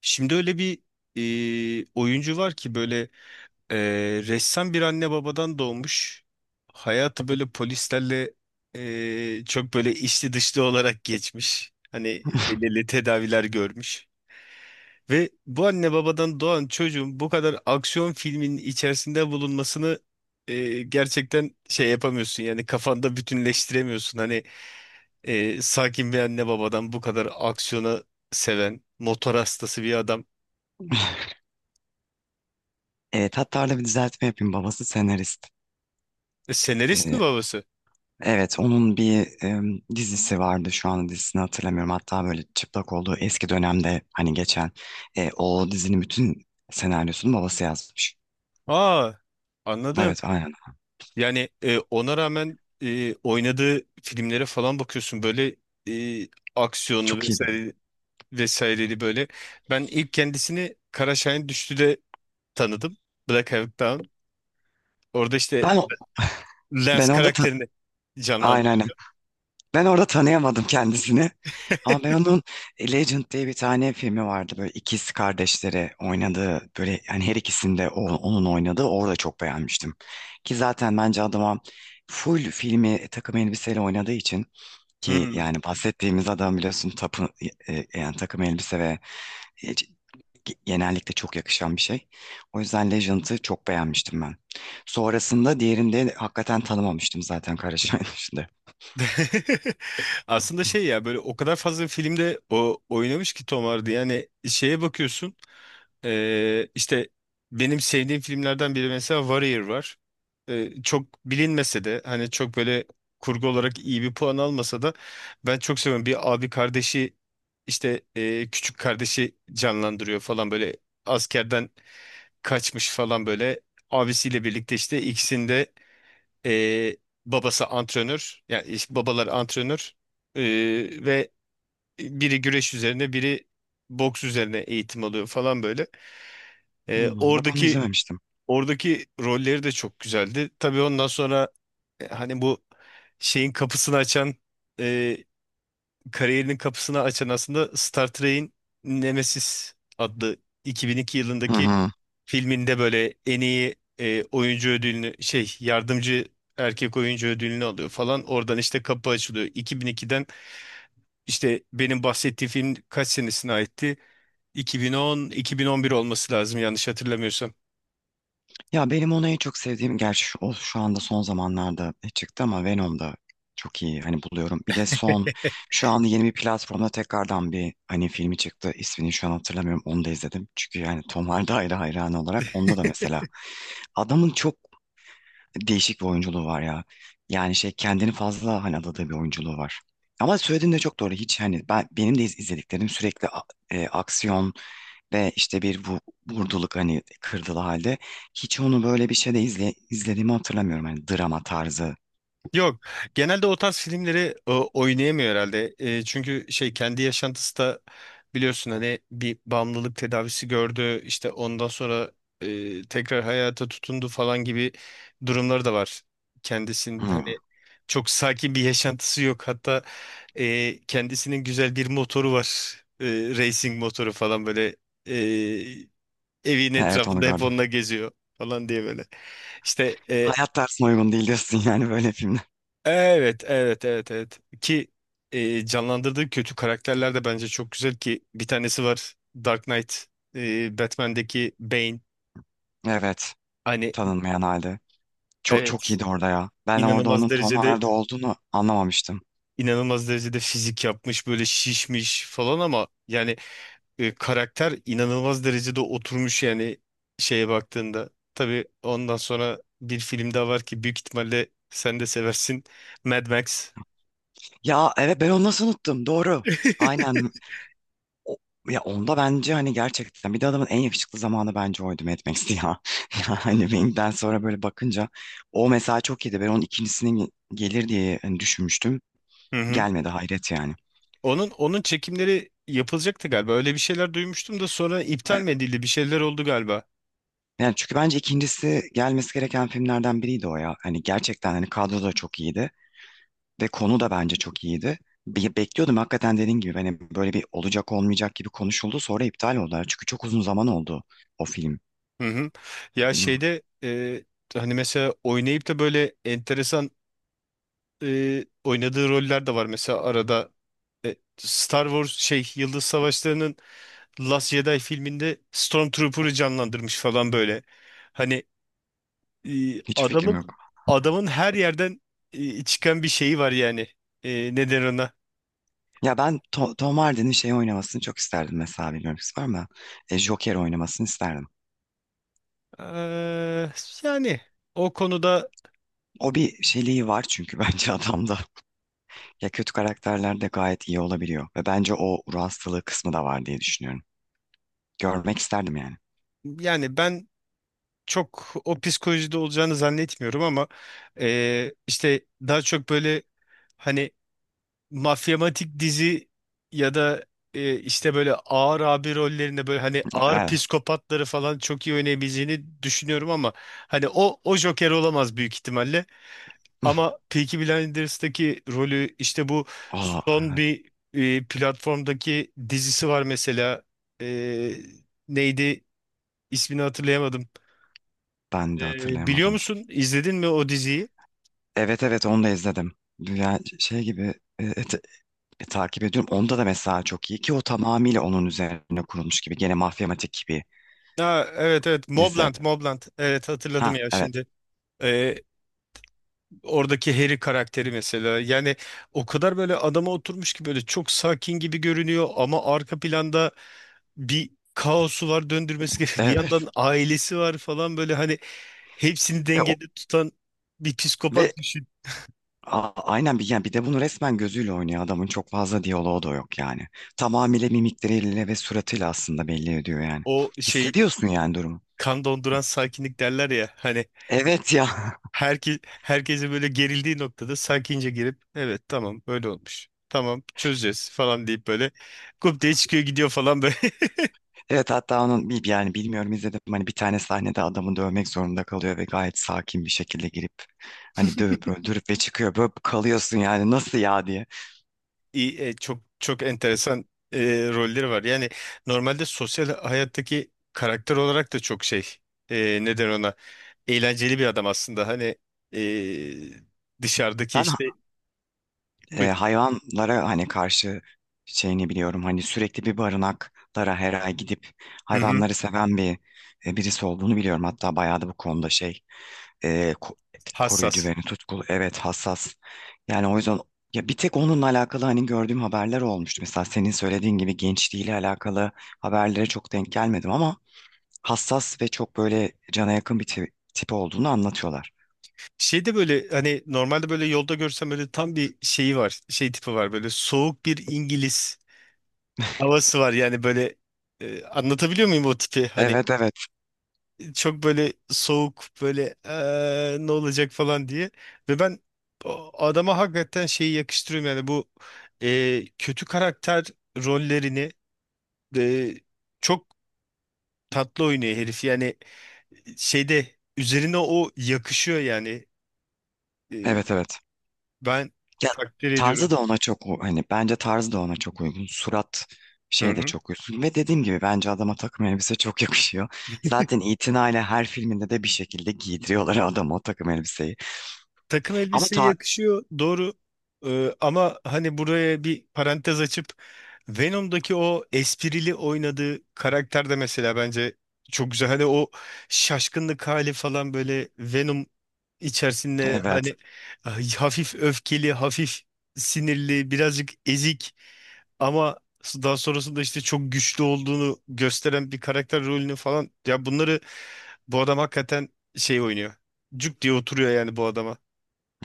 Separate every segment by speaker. Speaker 1: Şimdi öyle bir oyuncu var ki böyle e, ressam bir anne babadan doğmuş. Hayatı böyle polislerle çok böyle içli dışlı olarak geçmiş. Hani belirli tedaviler görmüş. Ve bu anne babadan doğan çocuğun bu kadar aksiyon filminin içerisinde bulunmasını gerçekten şey yapamıyorsun. Yani kafanda bütünleştiremiyorsun. Hani sakin bir anne babadan bu kadar aksiyona seven, motor hastası bir adam.
Speaker 2: Evet, hatta arada bir düzeltme yapayım. Babası senarist.
Speaker 1: Senarist mi
Speaker 2: Ee,
Speaker 1: babası?
Speaker 2: evet, onun bir dizisi vardı. Şu an dizisini hatırlamıyorum. Hatta böyle çıplak olduğu eski dönemde hani geçen o dizinin bütün senaryosunu babası yazmış.
Speaker 1: Aa, anladım.
Speaker 2: Evet, aynen.
Speaker 1: Yani ona rağmen oynadığı filmlere falan bakıyorsun böyle e, aksiyonlu
Speaker 2: Çok iyi değil mi?
Speaker 1: vesaire vesaireli böyle. Ben ilk kendisini Kara Şahin Düştü'de tanıdım. Black Hawk Down. Orada işte
Speaker 2: Ben ben
Speaker 1: Lance
Speaker 2: orada ta-
Speaker 1: karakterini
Speaker 2: aynen
Speaker 1: canlandırıyor.
Speaker 2: aynen. Ben orada tanıyamadım kendisini. Ama ben onun Legend diye bir tane filmi vardı. Böyle ikiz kardeşleri oynadığı böyle yani her ikisinde onun oynadığı orada çok beğenmiştim. Ki zaten bence adama full filmi takım elbiseyle oynadığı için ki
Speaker 1: Hmm.
Speaker 2: yani bahsettiğimiz adam biliyorsun tapı, yani takım elbise ve e, c- genellikle çok yakışan bir şey. O yüzden Legend'ı çok beğenmiştim ben. Sonrasında diğerinde hakikaten tanımamıştım zaten Kara Şahin dışında.
Speaker 1: Aslında şey ya böyle o kadar fazla filmde o oynamış ki Tom Hardy. Yani şeye bakıyorsun. İşte benim sevdiğim filmlerden biri mesela Warrior var. Çok bilinmese de hani çok böyle kurgu olarak iyi bir puan almasa da ben çok seviyorum. Bir abi kardeşi işte küçük kardeşi canlandırıyor falan böyle, askerden kaçmış falan böyle abisiyle birlikte işte ikisinde e, babası antrenör, yani işte babalar antrenör e, ve biri güreş üzerine biri boks üzerine eğitim alıyor falan böyle.
Speaker 2: Hmm,
Speaker 1: E,
Speaker 2: bak onu
Speaker 1: oradaki
Speaker 2: izlememiştim.
Speaker 1: Oradaki rolleri de çok güzeldi. Tabii ondan sonra hani bu şeyin kapısını açan e, kariyerinin kapısını açan aslında Star Trek'in Nemesis adlı 2002
Speaker 2: Hı
Speaker 1: yılındaki
Speaker 2: hı.
Speaker 1: filminde böyle en iyi oyuncu ödülünü şey yardımcı erkek oyuncu ödülünü alıyor falan. Oradan işte kapı açılıyor. 2002'den işte benim bahsettiğim film kaç senesine aitti? 2010, 2011 olması lazım yanlış hatırlamıyorsam.
Speaker 2: Ya benim onu en çok sevdiğim gerçi o şu anda son zamanlarda çıktı ama Venom'da çok iyi hani buluyorum. Bir de son şu anda yeni bir platformda tekrardan bir hani filmi çıktı. İsmini şu an hatırlamıyorum. Onu da izledim. Çünkü yani Tom Hardy ayrı hayranı olarak onda da mesela adamın çok değişik bir oyunculuğu var ya. Yani şey kendini fazla hani adadığı bir oyunculuğu var. Ama söylediğin de çok doğru. Hiç hani ben benim de izlediklerim sürekli aksiyon ve işte bir bu, vurduluk hani kırdılı halde hiç onu böyle bir şeyde izlediğimi hatırlamıyorum hani drama tarzı.
Speaker 1: Yok. Genelde o tarz filmleri oynayamıyor herhalde. E, çünkü şey kendi yaşantısı da biliyorsun hani bir bağımlılık tedavisi gördü. İşte ondan sonra tekrar hayata tutundu falan gibi durumları da var. Kendisinin
Speaker 2: Hmm.
Speaker 1: hani çok sakin bir yaşantısı yok. Hatta kendisinin güzel bir motoru var. E, Racing motoru falan böyle, e, evin
Speaker 2: Evet, onu
Speaker 1: etrafında hep
Speaker 2: gördüm.
Speaker 1: onunla geziyor falan diye böyle. İşte e,
Speaker 2: Hayat tarzına uygun değil diyorsun yani böyle filmler.
Speaker 1: Evet, evet, evet, evet. Ki canlandırdığı kötü karakterler de bence çok güzel, ki bir tanesi var, Dark Knight, Batman'deki Bane.
Speaker 2: Evet,
Speaker 1: Hani
Speaker 2: tanınmayan halde. Çok çok
Speaker 1: evet,
Speaker 2: iyiydi orada ya. Ben orada
Speaker 1: inanılmaz
Speaker 2: onun Tom
Speaker 1: derecede
Speaker 2: Hardy olduğunu anlamamıştım.
Speaker 1: inanılmaz derecede fizik yapmış, böyle şişmiş falan, ama yani karakter inanılmaz derecede oturmuş yani şeye baktığında. Tabii ondan sonra bir film daha var ki büyük ihtimalle sen de seversin. Mad Max.
Speaker 2: Ya evet, ben onu nasıl unuttum, doğru. Aynen. O- Ya onda bence hani gerçekten bir de adamın en yakışıklı zamanı bence oydu, Mad Max'ti ya. Yani Wing'den sonra böyle bakınca o mesela çok iyiydi. Ben onun ikincisinin gelir diye hani düşünmüştüm.
Speaker 1: Hı hı.
Speaker 2: Gelmedi, hayret yani.
Speaker 1: Onun çekimleri yapılacaktı galiba. Öyle bir şeyler duymuştum da sonra iptal
Speaker 2: Evet.
Speaker 1: mi edildi? Bir şeyler oldu galiba.
Speaker 2: Yani çünkü bence ikincisi gelmesi gereken filmlerden biriydi o ya. Hani gerçekten hani kadro da çok iyiydi ve konu da bence çok iyiydi. Bekliyordum hakikaten dediğin gibi hani böyle bir olacak olmayacak gibi konuşuldu, sonra iptal oldular. Çünkü çok uzun zaman oldu o film.
Speaker 1: Hı hı. Ya
Speaker 2: Değil mi?
Speaker 1: şeyde hani mesela oynayıp da böyle enteresan oynadığı roller de var. Mesela arada Star Wars şey Yıldız Savaşları'nın Last Jedi filminde Stormtrooper'ı canlandırmış falan böyle. Hani e,
Speaker 2: Hiç fikrim
Speaker 1: adamın
Speaker 2: yok.
Speaker 1: adamın her yerden çıkan bir şeyi var yani. E, ne der ona?
Speaker 2: Ya ben Tom Hardy'nin şey oynamasını çok isterdim, mesela bilmiyorum siz var mı? Joker oynamasını isterdim.
Speaker 1: Eee, Yani o konuda
Speaker 2: O bir şeyliği var çünkü bence adamda. Ya, kötü karakterlerde gayet iyi olabiliyor. Ve bence o ruh hastalığı kısmı da var diye düşünüyorum. Görmek isterdim yani.
Speaker 1: yani ben çok o psikolojide olacağını zannetmiyorum, ama işte daha çok böyle hani mafyamatik dizi ya da işte böyle ağır abi rollerinde böyle hani ağır
Speaker 2: Evet.
Speaker 1: psikopatları falan çok iyi oynayabileceğini düşünüyorum, ama hani o Joker olamaz büyük ihtimalle. Ama Peaky Blinders'taki rolü, işte bu
Speaker 2: Aa,
Speaker 1: son
Speaker 2: evet.
Speaker 1: bir platformdaki dizisi var mesela. E, neydi ismini hatırlayamadım.
Speaker 2: Ben
Speaker 1: E,
Speaker 2: de
Speaker 1: biliyor
Speaker 2: hatırlayamadım.
Speaker 1: musun? İzledin mi o diziyi?
Speaker 2: Evet evet, onu da izledim. Yani şey gibi e, et- takip ediyorum. Onda da mesela çok iyi, ki o tamamıyla onun üzerine kurulmuş gibi. Gene mafyamatik gibi.
Speaker 1: Ha, evet, evet,
Speaker 2: Neyse.
Speaker 1: Mobland, Mobland, evet hatırladım
Speaker 2: Ha,
Speaker 1: ya
Speaker 2: evet.
Speaker 1: şimdi. Oradaki Harry karakteri mesela yani o kadar böyle adama oturmuş ki, böyle çok sakin gibi görünüyor ama arka planda bir kaosu var döndürmesi gerekiyor. Bir
Speaker 2: Evet.
Speaker 1: yandan ailesi var falan böyle hani, hepsini
Speaker 2: Ve, o,
Speaker 1: dengede tutan bir
Speaker 2: ve
Speaker 1: psikopat düşün.
Speaker 2: A- Aynen, bir yani bir de bunu resmen gözüyle oynuyor, adamın çok fazla diyaloğu da yok yani. Tamamıyla mimikleriyle ve suratıyla aslında belli ediyor yani.
Speaker 1: O şey,
Speaker 2: Hissediyorsun yani durumu.
Speaker 1: kan donduran sakinlik derler ya hani,
Speaker 2: Evet ya.
Speaker 1: herkese böyle gerildiği noktada sakince girip evet tamam böyle olmuş. Tamam çözeceğiz falan deyip böyle kup diye çıkıyor gidiyor falan böyle.
Speaker 2: Evet, hatta onun bir yani bilmiyorum izledim mi, hani bir tane sahnede adamı dövmek zorunda kalıyor ve gayet sakin bir şekilde girip hani dövüp öldürüp ve çıkıyor. Böyle kalıyorsun yani, nasıl ya diye.
Speaker 1: iyi, çok çok enteresan e, rolleri var. Yani normalde sosyal hayattaki karakter olarak da çok şey, e, neden ona eğlenceli bir adam aslında. Hani dışarıdaki
Speaker 2: Ben
Speaker 1: işte bu,
Speaker 2: hayvanlara hani karşı şeyini biliyorum. Hani sürekli bir barınaklara her ay gidip
Speaker 1: hı hı,
Speaker 2: hayvanları seven bir birisi olduğunu biliyorum. Hatta bayağı da bu konuda şey e, ko- koruyucu
Speaker 1: hassas.
Speaker 2: ve tutkulu, evet, hassas. Yani o yüzden ya, bir tek onunla alakalı hani gördüğüm haberler olmuştu. Mesela senin söylediğin gibi gençliğiyle alakalı haberlere çok denk gelmedim ama hassas ve çok böyle cana yakın bir tip olduğunu anlatıyorlar.
Speaker 1: Şey de böyle hani normalde böyle yolda görsem böyle tam bir şeyi var. Şey tipi var, böyle soğuk bir İngiliz havası var. Yani böyle anlatabiliyor muyum o tipi? Hani
Speaker 2: Evet evet.
Speaker 1: çok böyle soğuk böyle, ne olacak" falan diye. Ve ben o adama hakikaten şeyi yakıştırıyorum yani, bu kötü karakter rollerini eee, çok tatlı oynuyor herif yani, şeyde üzerine o yakışıyor yani. Eee,
Speaker 2: Evet evet.
Speaker 1: Ben
Speaker 2: Ya
Speaker 1: takdir
Speaker 2: tarzı
Speaker 1: ediyorum.
Speaker 2: da ona çok hani bence tarzı da ona çok uygun. Surat
Speaker 1: Hı
Speaker 2: şey de
Speaker 1: hı.
Speaker 2: çok uygun. Ve dediğim gibi bence adama takım elbise çok yakışıyor. Zaten itinayla her filminde de bir şekilde giydiriyorlar adama o takım elbiseyi.
Speaker 1: Takım
Speaker 2: Ama
Speaker 1: elbiseye yakışıyor, doğru. Ama hani buraya bir parantez açıp Venom'daki o esprili oynadığı karakter de mesela bence çok güzel. Hani o şaşkınlık hali falan böyle, Venom içerisinde
Speaker 2: evet.
Speaker 1: hani ah, hafif öfkeli, hafif sinirli, birazcık ezik, ama daha sonrasında işte çok güçlü olduğunu gösteren bir karakter rolünü falan, ya bunları bu adam hakikaten şey oynuyor. Cuk diye oturuyor yani bu adama.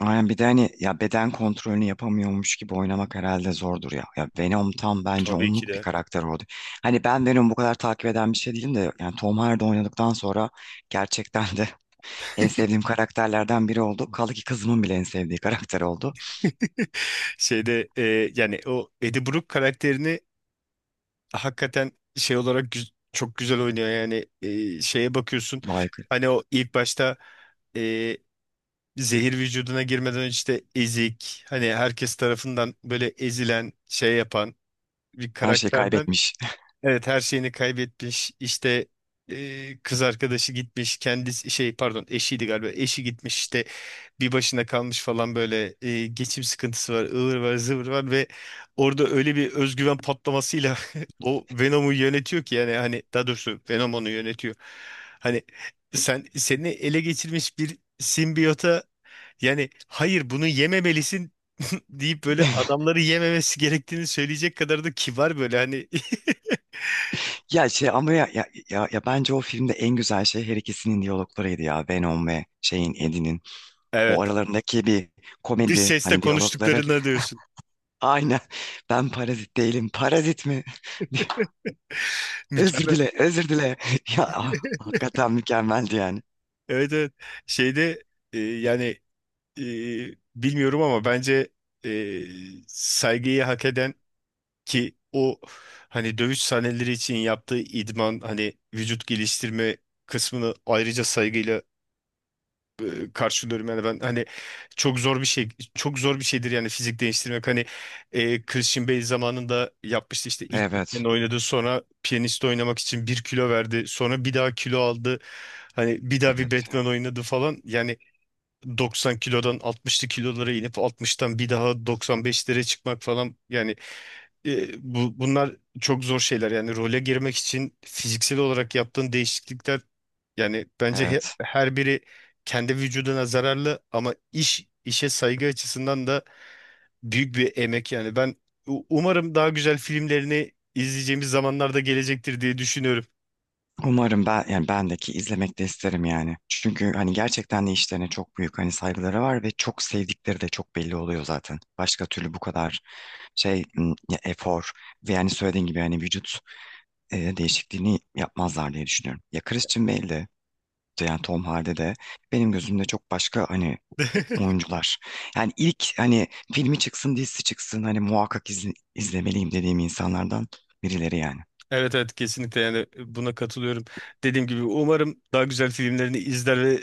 Speaker 2: Aynen, bir de hani ya beden kontrolünü yapamıyormuş gibi oynamak herhalde zordur ya. Ya Venom tam bence
Speaker 1: Tabii ki
Speaker 2: onluk bir
Speaker 1: de.
Speaker 2: karakter oldu. Hani ben Venom'u bu kadar takip eden bir şey değilim de, yani Tom Hardy oynadıktan sonra gerçekten de en sevdiğim karakterlerden biri oldu. Kaldı ki kızımın bile en sevdiği karakter oldu.
Speaker 1: Şeyde yani o Eddie Brooke karakterini hakikaten şey olarak çok güzel oynuyor. Yani şeye bakıyorsun
Speaker 2: Vay.
Speaker 1: hani o ilk başta e, zehir vücuduna girmeden önce, işte ezik hani herkes tarafından böyle ezilen şey yapan bir
Speaker 2: Her şeyi
Speaker 1: karakterden.
Speaker 2: kaybetmiş.
Speaker 1: Evet, her şeyini kaybetmiş. İşte kız arkadaşı gitmiş. Kendisi şey, pardon, eşiydi galiba. Eşi gitmiş, işte bir başına kalmış falan böyle, geçim sıkıntısı var, ıvır var zıvır var, ve orada öyle bir özgüven patlamasıyla o Venom'u yönetiyor ki, yani hani daha doğrusu Venom onu yönetiyor. Hani seni ele geçirmiş bir simbiyota yani hayır bunu yememelisin deyip böyle adamları yememesi gerektiğini söyleyecek kadar da kibar böyle hani.
Speaker 2: Ya şey ama ya bence o filmde en güzel şey her ikisinin diyaloglarıydı ya. Venom ve şeyin, Eddie'nin. O
Speaker 1: Evet.
Speaker 2: aralarındaki bir
Speaker 1: Dış
Speaker 2: komedi
Speaker 1: sesle
Speaker 2: hani diyalogları.
Speaker 1: konuştuklarına diyorsun.
Speaker 2: Aynen. Ben parazit değilim. Parazit mi? Özür
Speaker 1: Mükemmel.
Speaker 2: dile, özür dile. Ya ah, hakikaten mükemmeldi yani.
Speaker 1: Evet, evet. Şeyde e, yani e, bilmiyorum ama bence e, saygıyı hak eden, ki o hani dövüş sahneleri için yaptığı idman, hani vücut geliştirme kısmını ayrıca saygıyla karşılıyorum yani ben hani, çok zor bir şey çok zor bir şeydir yani fizik değiştirmek hani. Christian Bale zamanında yapmıştı, işte ilk
Speaker 2: Evet,
Speaker 1: Batman oynadı, sonra piyanist oynamak için bir kilo verdi, sonra bir daha kilo aldı hani, bir daha bir
Speaker 2: evet ya.
Speaker 1: Batman oynadı falan yani. 90 kilodan 60'lı kilolara inip 60'tan bir daha 95'lere çıkmak falan yani, bunlar çok zor şeyler yani, role girmek için fiziksel olarak yaptığın değişiklikler yani bence
Speaker 2: Evet.
Speaker 1: her biri kendi vücuduna zararlı, ama iş işe saygı açısından da büyük bir emek yani, ben umarım daha güzel filmlerini izleyeceğimiz zamanlarda gelecektir diye düşünüyorum.
Speaker 2: Umarım, ben yani bendeki izlemek de isterim yani. Çünkü hani gerçekten de işlerine çok büyük hani saygıları var ve çok sevdikleri de çok belli oluyor zaten. Başka türlü bu kadar şey ya efor ve yani söylediğin gibi hani vücut değişikliğini yapmazlar diye düşünüyorum. Ya Christian Bale'de de yani Tom Hardy de benim gözümde çok başka hani oyuncular. Yani ilk hani filmi çıksın dizisi çıksın hani muhakkak izlemeliyim dediğim insanlardan birileri yani.
Speaker 1: Evet, evet, kesinlikle, yani buna katılıyorum. Dediğim gibi umarım daha güzel filmlerini izler ve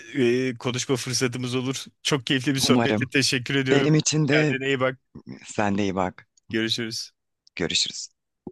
Speaker 1: konuşma fırsatımız olur. Çok keyifli bir
Speaker 2: Umarım.
Speaker 1: sohbetti. Teşekkür ediyorum.
Speaker 2: Benim için de
Speaker 1: Kendine iyi bak.
Speaker 2: sen de iyi bak.
Speaker 1: Görüşürüz.
Speaker 2: Görüşürüz.